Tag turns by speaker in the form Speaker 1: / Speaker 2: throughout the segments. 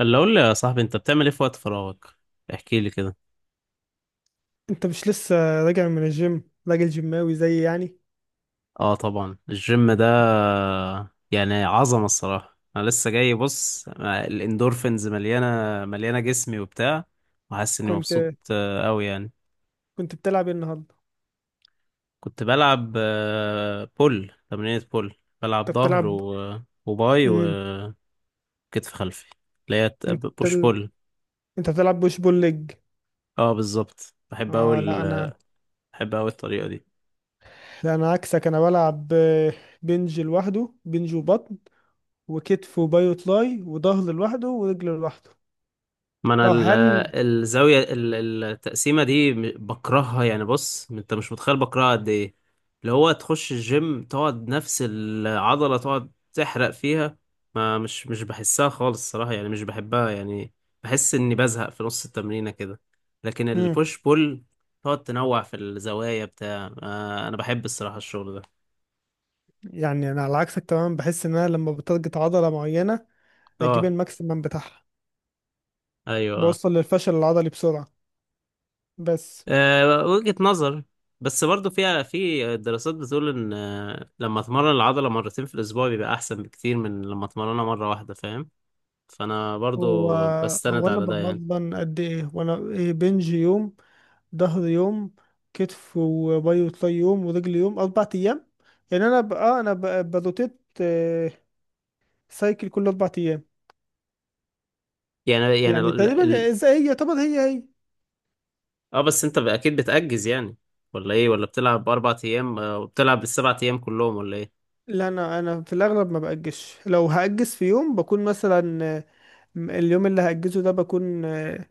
Speaker 1: اللي اقول لي يا صاحبي، انت بتعمل ايه في وقت فراغك؟ احكي لي كده.
Speaker 2: انت مش لسه راجع من الجيم، راجل جيماوي زي يعني.
Speaker 1: اه، طبعا الجيم ده يعني عظمه الصراحه. انا لسه جاي، بص، الاندورفينز مليانه جسمي وبتاع، وحاسس اني
Speaker 2: كنت
Speaker 1: مبسوط قوي يعني.
Speaker 2: كنت بتلعب ايه النهارده؟
Speaker 1: كنت بلعب بول، تمرينة بول. بلعب
Speaker 2: انت
Speaker 1: ظهر
Speaker 2: بتلعب،
Speaker 1: وباي
Speaker 2: امم
Speaker 1: وكتف خلفي، اللي هي
Speaker 2: انت
Speaker 1: بوش
Speaker 2: بتل...
Speaker 1: بول.
Speaker 2: انت بتلعب بوش بول ليج؟
Speaker 1: اه بالظبط، بحب قوي.
Speaker 2: اه لا انا
Speaker 1: بحب قوي الطريقه دي.
Speaker 2: لا انا عكسك. انا بلعب، بنج لوحده، بنج وبطن وكتف وباي وتراي وظهر لوحده ورجل لوحده.
Speaker 1: ما انا
Speaker 2: اه
Speaker 1: ال-
Speaker 2: هل
Speaker 1: الزاويه ال- التقسيمه دي بكرهها يعني. بص، انت مش متخيل بكرهها قد ايه. اللي هو تخش الجيم، تقعد نفس العضله تقعد تحرق فيها، ما مش بحسها خالص الصراحه، يعني مش بحبها يعني. بحس اني بزهق في نص التمرينه كده. لكن
Speaker 2: امم
Speaker 1: البوش بول، تقعد تنوع في الزوايا بتاع. آه، انا بحب الصراحه الشغل ده.
Speaker 2: يعني انا على عكسك تماما. بحس ان انا لما بتارجت عضله معينه بجيب
Speaker 1: اه،
Speaker 2: الماكسيمم بتاعها.
Speaker 1: ايوه، آه.
Speaker 2: بوصل للفشل العضلي بسرعه. بس
Speaker 1: أه، وجهة نظر. بس برضو فيها، في دراسات بتقول ان لما اتمرن العضلة مرتين في الاسبوع بيبقى احسن بكتير من لما اتمرنها مرة واحدة، فاهم. فانا
Speaker 2: هو
Speaker 1: برضو
Speaker 2: هو
Speaker 1: بستند
Speaker 2: انا
Speaker 1: على ده يعني.
Speaker 2: بمضمن قد ايه. وانا إيه؟ بنج يوم، ظهر يوم، كتف وباي وتراي يوم، ورجل يوم. اربع ايام. يعني انا بقى بروتيت، سايكل كل اربع ايام.
Speaker 1: يعني
Speaker 2: يعني تقريبا زي هي، يعتبر هي هي.
Speaker 1: اه، بس انت اكيد بتأجز يعني، ولا ايه؟ ولا بتلعب اربع ايام وبتلعب السبع ايام كلهم، ولا ايه؟
Speaker 2: لا انا في الاغلب ما باجزش. لو هاجز في يوم بكون مثلا، اليوم اللي هاجزه ده بكون،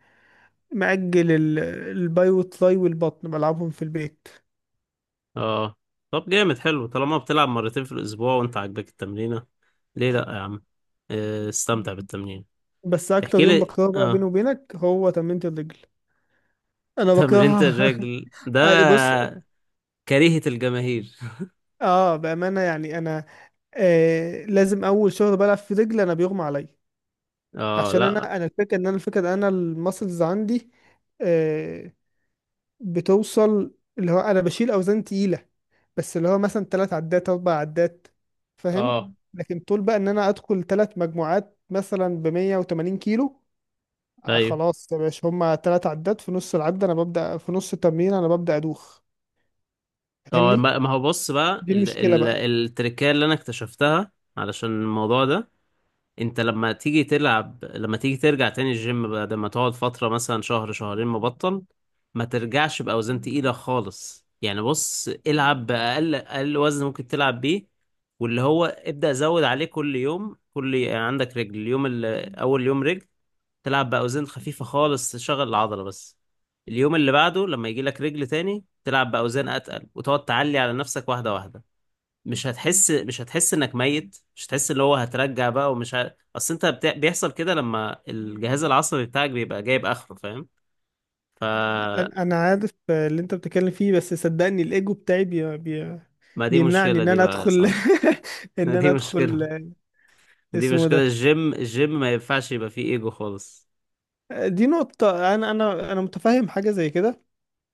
Speaker 2: مأجل الباي والتراي والبطن بلعبهم في البيت.
Speaker 1: اه، طب جامد حلو. طالما بتلعب مرتين في الاسبوع وانت عاجبك التمرينة، ليه لا يا عم؟ استمتع بالتمرين.
Speaker 2: بس اكتر
Speaker 1: احكي
Speaker 2: يوم
Speaker 1: لي،
Speaker 2: بكرهه بقى بيني
Speaker 1: اه.
Speaker 2: وبينك هو تمرينة الرجل. انا
Speaker 1: تمرينة
Speaker 2: بكرهها.
Speaker 1: الرجل ده
Speaker 2: أي بص،
Speaker 1: كريهة الجماهير.
Speaker 2: اه بامانه يعني انا، لازم اول شغل بلعب في رجلي انا بيغمى عليا.
Speaker 1: اه
Speaker 2: عشان
Speaker 1: لا،
Speaker 2: انا الفكره ان انا الماسلز عندي، آه بتوصل. اللي هو انا بشيل اوزان تقيله، بس اللي هو مثلا ثلاث عدات اربع عدات، فاهم؟
Speaker 1: اه
Speaker 2: لكن طول بقى ان انا ادخل ثلاث مجموعات مثلا ب 180 كيلو،
Speaker 1: ايوه.
Speaker 2: خلاص يا باشا، هما ثلاث عدات. في نص العده انا ببدا، في نص التمرين انا ببدا ادوخ.
Speaker 1: اه،
Speaker 2: فاهمني؟
Speaker 1: ما ما هو بص، بقى
Speaker 2: دي
Speaker 1: ال
Speaker 2: المشكله
Speaker 1: ال
Speaker 2: بقى.
Speaker 1: التركية اللي انا اكتشفتها علشان الموضوع ده: انت لما تيجي تلعب، لما تيجي ترجع تاني الجيم بعد ما تقعد فترة مثلا شهر شهرين مبطل، ما ترجعش بأوزان تقيلة خالص يعني. بص، العب بأقل أقل وزن ممكن تلعب بيه، واللي هو ابدأ زود عليه كل يوم. كل يعني عندك رجل اليوم، أول يوم رجل، تلعب باوزان خفيفه خالص، تشغل العضله بس. اليوم اللي بعده لما يجي لك رجل تاني، تلعب باوزان اتقل، وتقعد تعلي على نفسك واحده واحده. مش هتحس انك ميت. مش هتحس، اللي هو هترجع بقى اصل بيحصل كده لما الجهاز العصبي بتاعك بيبقى جايب اخره، فاهم. ف
Speaker 2: أنا عارف اللي انت بتتكلم فيه، بس صدقني الايجو بتاعي
Speaker 1: ما دي
Speaker 2: بيمنعني
Speaker 1: مشكله
Speaker 2: ان
Speaker 1: دي
Speaker 2: انا
Speaker 1: بقى يا
Speaker 2: ادخل.
Speaker 1: صاحبي.
Speaker 2: ان
Speaker 1: ما
Speaker 2: انا
Speaker 1: دي مشكله،
Speaker 2: ادخل
Speaker 1: دي
Speaker 2: اسمه
Speaker 1: مشكله
Speaker 2: ده.
Speaker 1: الجيم ما ينفعش يبقى فيه ايجو خالص.
Speaker 2: دي نقطة، انا متفهم حاجة زي كده.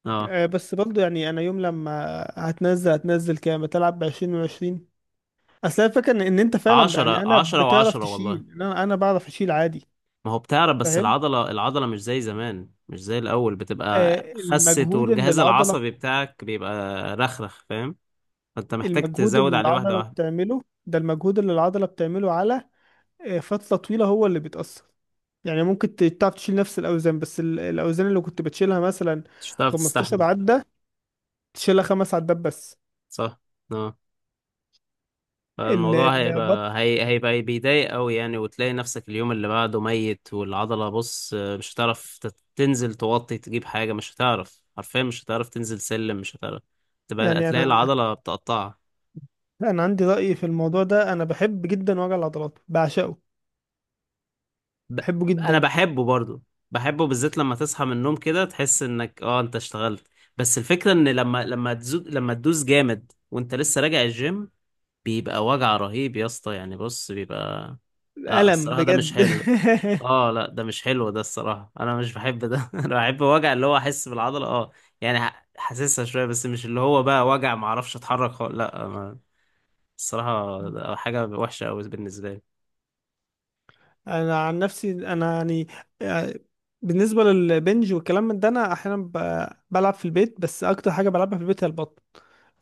Speaker 1: اه،
Speaker 2: بس برضو يعني انا يوم لما هتنزل كام بتلعب؟ بعشرين وعشرين. اصل أنا الفكرة ان إن انت فعلا يعني
Speaker 1: عشرة
Speaker 2: انا
Speaker 1: عشرة
Speaker 2: بتعرف
Speaker 1: وعشرة والله.
Speaker 2: تشيل إن انا انا بعرف اشيل عادي.
Speaker 1: ما هو بتعرق، بس
Speaker 2: فاهم.
Speaker 1: العضلة مش زي زمان، مش زي الأول، بتبقى خست.
Speaker 2: المجهود اللي
Speaker 1: والجهاز
Speaker 2: العضلة.
Speaker 1: العصبي بتاعك بيبقى رخرخ، فاهم. فأنت محتاج
Speaker 2: المجهود
Speaker 1: تزود
Speaker 2: اللي
Speaker 1: عليه واحدة
Speaker 2: العضلة
Speaker 1: واحدة.
Speaker 2: بتعمله ده. المجهود اللي العضلة بتعمله على فترة طويلة هو اللي بيتأثر. يعني ممكن تعرف تشيل نفس الاوزان. بس الاوزان اللي كنت بتشيلها مثلا
Speaker 1: مش هتعرف
Speaker 2: 15
Speaker 1: تستحمل،
Speaker 2: عدة، تشيلها خمس عدات بس.
Speaker 1: صح. اه،
Speaker 2: ال-
Speaker 1: فالموضوع
Speaker 2: البط.
Speaker 1: هيبقى بيضايق أوي يعني. وتلاقي نفسك اليوم اللي بعده ميت، والعضلة بص مش هتعرف تنزل توطي تجيب حاجة. مش هتعرف حرفيا، مش هتعرف تنزل سلم، مش هتعرف. تبقى
Speaker 2: يعني
Speaker 1: هتلاقي
Speaker 2: انا
Speaker 1: العضلة بتقطعك.
Speaker 2: انا عندي رأي في الموضوع ده. انا بحب جدا وجع العضلات، بعشقه،
Speaker 1: ب...
Speaker 2: بحبه
Speaker 1: انا
Speaker 2: جدا.
Speaker 1: بحبه برضو. بحبه بالذات لما تصحى من النوم كده، تحس انك انت اشتغلت. بس الفكرة ان لما تزود، لما تدوس جامد وانت لسه راجع الجيم، بيبقى وجع رهيب يا اسطى. يعني بص، بيبقى... لا
Speaker 2: الم
Speaker 1: الصراحة ده مش
Speaker 2: بجد.
Speaker 1: حلو. اه لا، ده مش حلو. ده الصراحة انا مش بحب ده. انا بحب وجع اللي هو احس بالعضلة، اه. يعني حاسسها شوية، بس مش اللي هو بقى وجع ما اعرفش اتحرك خالص. لا، ما... الصراحة ده حاجة وحشة قوي بالنسبة لي.
Speaker 2: انا عن نفسي انا يعني، آه، بالنسبه للبنج والكلام من ده انا احيانا بلعب في البيت. بس اكتر حاجه بلعبها في البيت هي البطن.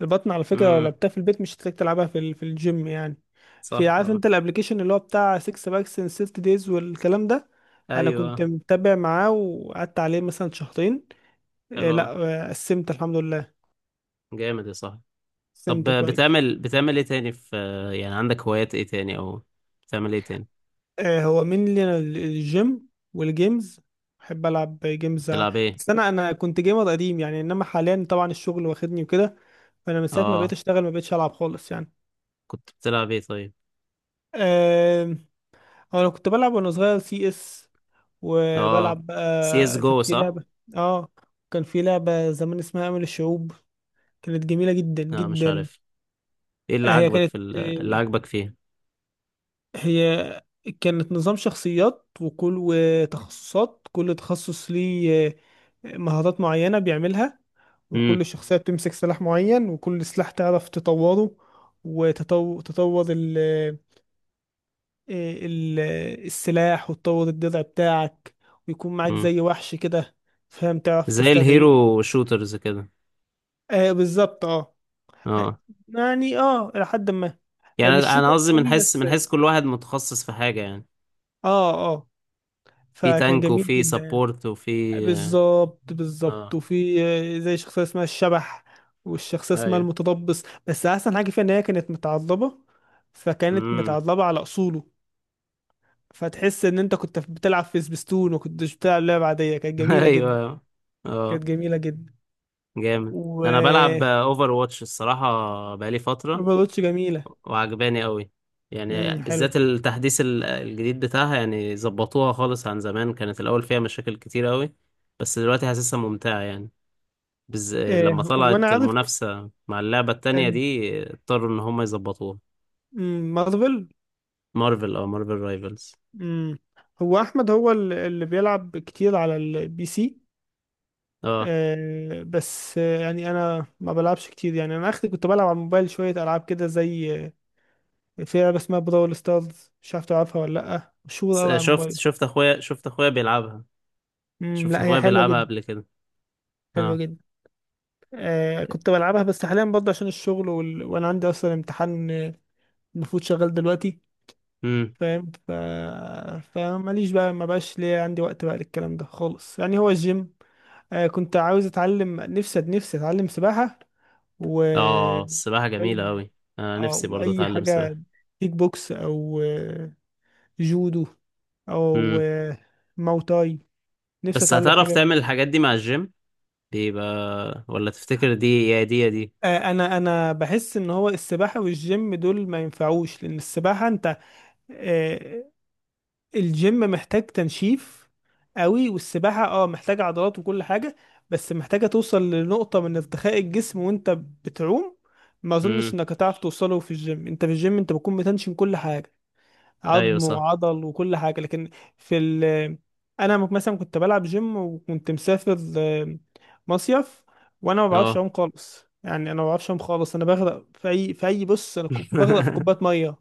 Speaker 2: البطن على فكره لو
Speaker 1: امم،
Speaker 2: لعبتها في البيت مش هتلاقيك تلعبها في في الجيم يعني. في،
Speaker 1: صح،
Speaker 2: عارف
Speaker 1: اه،
Speaker 2: انت الابلكيشن اللي هو بتاع 6 باكس ان 6 دايز والكلام ده؟ انا
Speaker 1: ايوه،
Speaker 2: كنت متابع معاه وقعدت عليه مثلا شهرين،
Speaker 1: حلو.
Speaker 2: لا قسمت الحمد لله،
Speaker 1: جامد يا صاحبي. طب
Speaker 2: قسمت كويس.
Speaker 1: بتعمل ايه تاني في... يعني عندك هوايات ايه تاني، او بتعمل ايه تاني؟
Speaker 2: هو مين؟ الجيم والجيمز. بحب العب جيمز.
Speaker 1: بتلعب ايه؟
Speaker 2: بس انا كنت جيمر قديم يعني، انما حاليا طبعا الشغل واخدني وكده. فانا من ساعه ما بقيت
Speaker 1: اه،
Speaker 2: اشتغل ما بقيتش العب خالص يعني.
Speaker 1: كنت بتلعب ايه طيب؟
Speaker 2: آه، هو انا كنت بلعب وانا صغير سي اس،
Speaker 1: اه،
Speaker 2: وبلعب
Speaker 1: سي اس
Speaker 2: بقى كان
Speaker 1: جو،
Speaker 2: في
Speaker 1: صح.
Speaker 2: لعبه، اه كان في لعبه زمان اسمها امل الشعوب. كانت جميله جدا
Speaker 1: لا مش
Speaker 2: جدا.
Speaker 1: عارف. ايه اللي
Speaker 2: آه، هي
Speaker 1: عاجبك
Speaker 2: كانت
Speaker 1: اللي
Speaker 2: آه،
Speaker 1: عاجبك فيها؟
Speaker 2: هي كانت نظام شخصيات، وكل وتخصصات. كل تخصص ليه مهارات معينة بيعملها،
Speaker 1: امم،
Speaker 2: وكل شخصية بتمسك سلاح معين، وكل سلاح تعرف تطوره. وتطور تطور ال آه، ال السلاح، وتطور الدرع بتاعك، ويكون معاك
Speaker 1: امم.
Speaker 2: زي وحش كده، فاهم، تعرف
Speaker 1: زي
Speaker 2: تستدعيه.
Speaker 1: الهيرو شوترز كده.
Speaker 2: آه بالظبط، اه. آه،
Speaker 1: اه
Speaker 2: يعني اه لحد ما آه،
Speaker 1: يعني
Speaker 2: مش شوتر
Speaker 1: انا قصدي
Speaker 2: قوي
Speaker 1: بنحس
Speaker 2: بس.
Speaker 1: بنحس كل واحد متخصص في حاجة يعني.
Speaker 2: اه اه.
Speaker 1: في
Speaker 2: فكان
Speaker 1: تانك،
Speaker 2: جميل
Speaker 1: وفي
Speaker 2: جدا يعني.
Speaker 1: سبورت، وفي... اه،
Speaker 2: بالظبط بالظبط.
Speaker 1: آه،
Speaker 2: وفي زي شخصية اسمها الشبح، والشخصية اسمها
Speaker 1: ايوه،
Speaker 2: المتضبس. بس أحسن حاجة فيها إن هي كانت متعضبة، فكانت
Speaker 1: امم،
Speaker 2: متعضبة على أصوله. فتحس إن أنت كنت بتلعب في سبيستون وكنتش بتلعب لعبة عادية. كانت جميلة جدا.
Speaker 1: ايوه،
Speaker 2: كانت
Speaker 1: اه،
Speaker 2: جميلة جدا.
Speaker 1: جامد.
Speaker 2: و
Speaker 1: انا بلعب اوفر واتش الصراحه، بقالي فتره،
Speaker 2: روبوتش جميلة.
Speaker 1: وعجباني قوي. يعني
Speaker 2: حلو.
Speaker 1: بالذات التحديث الجديد بتاعها، يعني ظبطوها خالص. عن زمان كانت الاول فيها مشاكل كتير قوي، بس دلوقتي حاسسها ممتعه يعني. لما
Speaker 2: آه وأنا
Speaker 1: طلعت
Speaker 2: عارف.
Speaker 1: المنافسه مع اللعبه التانية
Speaker 2: كان
Speaker 1: دي، اضطروا ان هم يظبطوها.
Speaker 2: مارفل.
Speaker 1: مارفل، او مارفل رايفلز.
Speaker 2: امم. هو أحمد، هو اللي بيلعب كتير على البي سي.
Speaker 1: اه،
Speaker 2: آه، بس آه، يعني انا ما بلعبش كتير يعني. انا اخر كنت بلعب على الموبايل شويه العاب كده زي في لعبه اسمها براول ستارز. مش عارف تلعبها ولا لا؟ مشهوره قوي على
Speaker 1: شفت
Speaker 2: الموبايل.
Speaker 1: شفت اخويا شفت اخويا بيلعبها. شفت
Speaker 2: لا هي
Speaker 1: اخويا
Speaker 2: حلوه
Speaker 1: بيلعبها
Speaker 2: جدا،
Speaker 1: قبل كده،
Speaker 2: حلوه
Speaker 1: اه.
Speaker 2: جدا. آه كنت بلعبها. بس حاليا برضه عشان الشغل وانا عندي اصلا امتحان، المفروض شغال دلوقتي،
Speaker 1: امم،
Speaker 2: فاهم. فماليش بقى، ما بقاش ليا عندي وقت بقى للكلام ده خالص يعني. هو الجيم. كنت عاوز اتعلم نفسي اتعلم سباحه، و
Speaker 1: اه. السباحه جميله قوي. انا نفسي
Speaker 2: او
Speaker 1: برضو
Speaker 2: اي
Speaker 1: اتعلم
Speaker 2: حاجه.
Speaker 1: سباحه.
Speaker 2: كيك بوكس او جودو او
Speaker 1: امم،
Speaker 2: ماو تاي. نفسي
Speaker 1: بس
Speaker 2: اتعلم حاجه
Speaker 1: هتعرف تعمل الحاجات دي مع الجيم؟ بيبقى... ولا تفتكر دي يا دي يا دي؟
Speaker 2: انا بحس ان هو السباحه والجيم دول ما ينفعوش. لان السباحه انت، آه، الجيم محتاج تنشيف قوي. والسباحه اه محتاجه عضلات وكل حاجه، بس محتاجه توصل لنقطه من ارتخاء الجسم وانت بتعوم. ما اظنش
Speaker 1: امم،
Speaker 2: انك هتعرف توصله في الجيم. انت في الجيم انت بتكون بتنشن كل حاجه،
Speaker 1: ايوه،
Speaker 2: عظم
Speaker 1: صح،
Speaker 2: وعضل وكل حاجة. لكن في أنا مثلا كنت بلعب جيم وكنت مسافر، مصيف. وأنا ما بعرفش
Speaker 1: اه.
Speaker 2: أعوم خالص. يعني أنا ما بعرفش أعوم خالص. أنا بغرق في أي، في أي، بص أنا كنت بغرق في كوباية مية.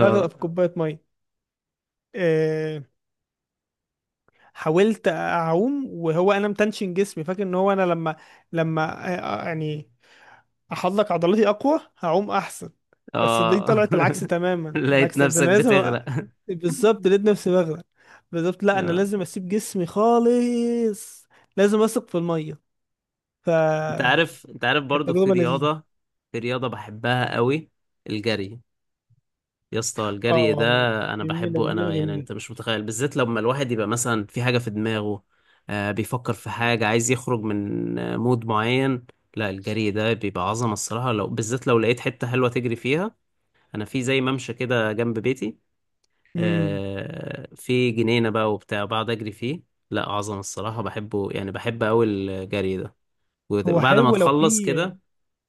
Speaker 2: بغرق في كوباية مية. آه، حاولت أعوم وهو أنا متنشن جسمي. فاكر إن هو أنا لما، يعني، احضلك عضلاتي اقوى هعوم احسن. بس دي
Speaker 1: اه
Speaker 2: طلعت العكس تماما.
Speaker 1: لقيت
Speaker 2: العكس ده انا
Speaker 1: نفسك
Speaker 2: لازم
Speaker 1: بتغرق.
Speaker 2: بالظبط، لقيت نفسي بغرق. بالظبط، لا انا
Speaker 1: آه.
Speaker 2: لازم اسيب جسمي خالص. لازم اثق في الميه. ف
Speaker 1: انت عارف،
Speaker 2: كانت
Speaker 1: برضو في
Speaker 2: تجربه لذيذه.
Speaker 1: رياضة، في رياضة بحبها قوي: الجري. يا اسطى الجري ده
Speaker 2: اه
Speaker 1: انا
Speaker 2: جميله
Speaker 1: بحبه.
Speaker 2: جميله
Speaker 1: انا يعني
Speaker 2: جميله.
Speaker 1: انت مش متخيل، بالذات لما الواحد يبقى مثلا في حاجه في دماغه. آه بيفكر في حاجه، عايز يخرج من مود معين. لا الجري ده بيبقى عظمه الصراحه، لو بالذات لو لقيت حته حلوه تجري فيها. انا في زي ممشى كده جنب بيتي،
Speaker 2: امم.
Speaker 1: آه في جنينه بقى وبتاع، بقعد اجري فيه. لا عظمه الصراحه بحبه يعني. بحب قوي الجري ده.
Speaker 2: هو
Speaker 1: وبعد ما
Speaker 2: حلو لو في.
Speaker 1: تخلص كده،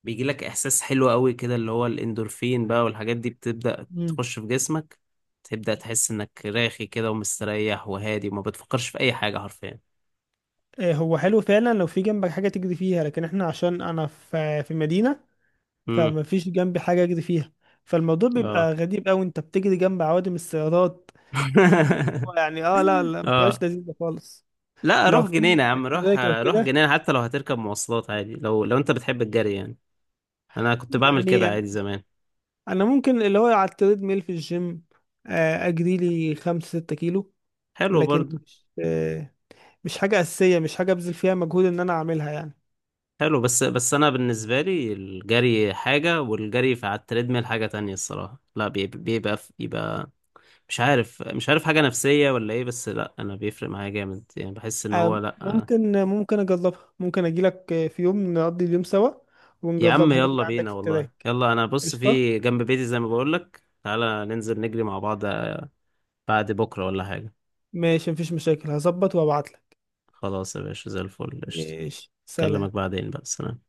Speaker 1: بيجي لك احساس حلو قوي كده، اللي هو الاندورفين بقى والحاجات دي بتبدأ
Speaker 2: امم.
Speaker 1: تخش في جسمك. تبدأ تحس انك راخي كده ومستريح وهادي، وما بتفكرش في اي حاجة حرفيا.
Speaker 2: هو حلو فعلا لو في جنبك حاجه تجري فيها. لكن احنا عشان انا في مدينه،
Speaker 1: امم،
Speaker 2: فما فيش جنبي حاجه اجري فيها. فالموضوع
Speaker 1: اه.
Speaker 2: بيبقى غريب قوي، انت بتجري جنب عوادم السيارات اللي هو. يعني اه لا لا ما بتبقاش
Speaker 1: اه
Speaker 2: لذيذه خالص.
Speaker 1: لا
Speaker 2: لو
Speaker 1: روح جنينة
Speaker 2: في
Speaker 1: يا عم، روح
Speaker 2: تراك او
Speaker 1: روح
Speaker 2: كده
Speaker 1: جنينة. حتى لو هتركب مواصلات عادي، لو انت بتحب الجري يعني. انا كنت بعمل كده
Speaker 2: يعني،
Speaker 1: عادي زمان.
Speaker 2: انا ممكن اللي هو على التريد ميل في الجيم، اجري لي 5 6 كيلو.
Speaker 1: حلو
Speaker 2: لكن
Speaker 1: برضو.
Speaker 2: مش، مش حاجه اساسيه، مش حاجه ابذل فيها مجهود ان انا اعملها يعني.
Speaker 1: حلو، بس انا بالنسبة لي الجري حاجة، والجري على التريدميل حاجة تانية الصراحة. لا بيبقى، بيبقى مش عارف حاجة نفسية ولا ايه. بس لا، انا بيفرق معايا جامد يعني. بحس ان هو لا، أنا...
Speaker 2: ممكن اجربها. ممكن اجي لك في يوم نقضي اليوم سوا
Speaker 1: يا عم
Speaker 2: ونجربها. نجري
Speaker 1: يلا
Speaker 2: عندك
Speaker 1: بينا
Speaker 2: في
Speaker 1: والله.
Speaker 2: التراك.
Speaker 1: يلا، انا بص
Speaker 2: قشطه.
Speaker 1: في جنب بيتي زي ما بقولك، تعالى ننزل نجري مع بعض. بعد بكرة ولا حاجة؟
Speaker 2: ماشي مفيش مشاكل، هظبط وابعت لك.
Speaker 1: خلاص يا باشا، زي الفل، قشطة.
Speaker 2: ماشي سلام.
Speaker 1: اكلمك بعدين بقى، سلام.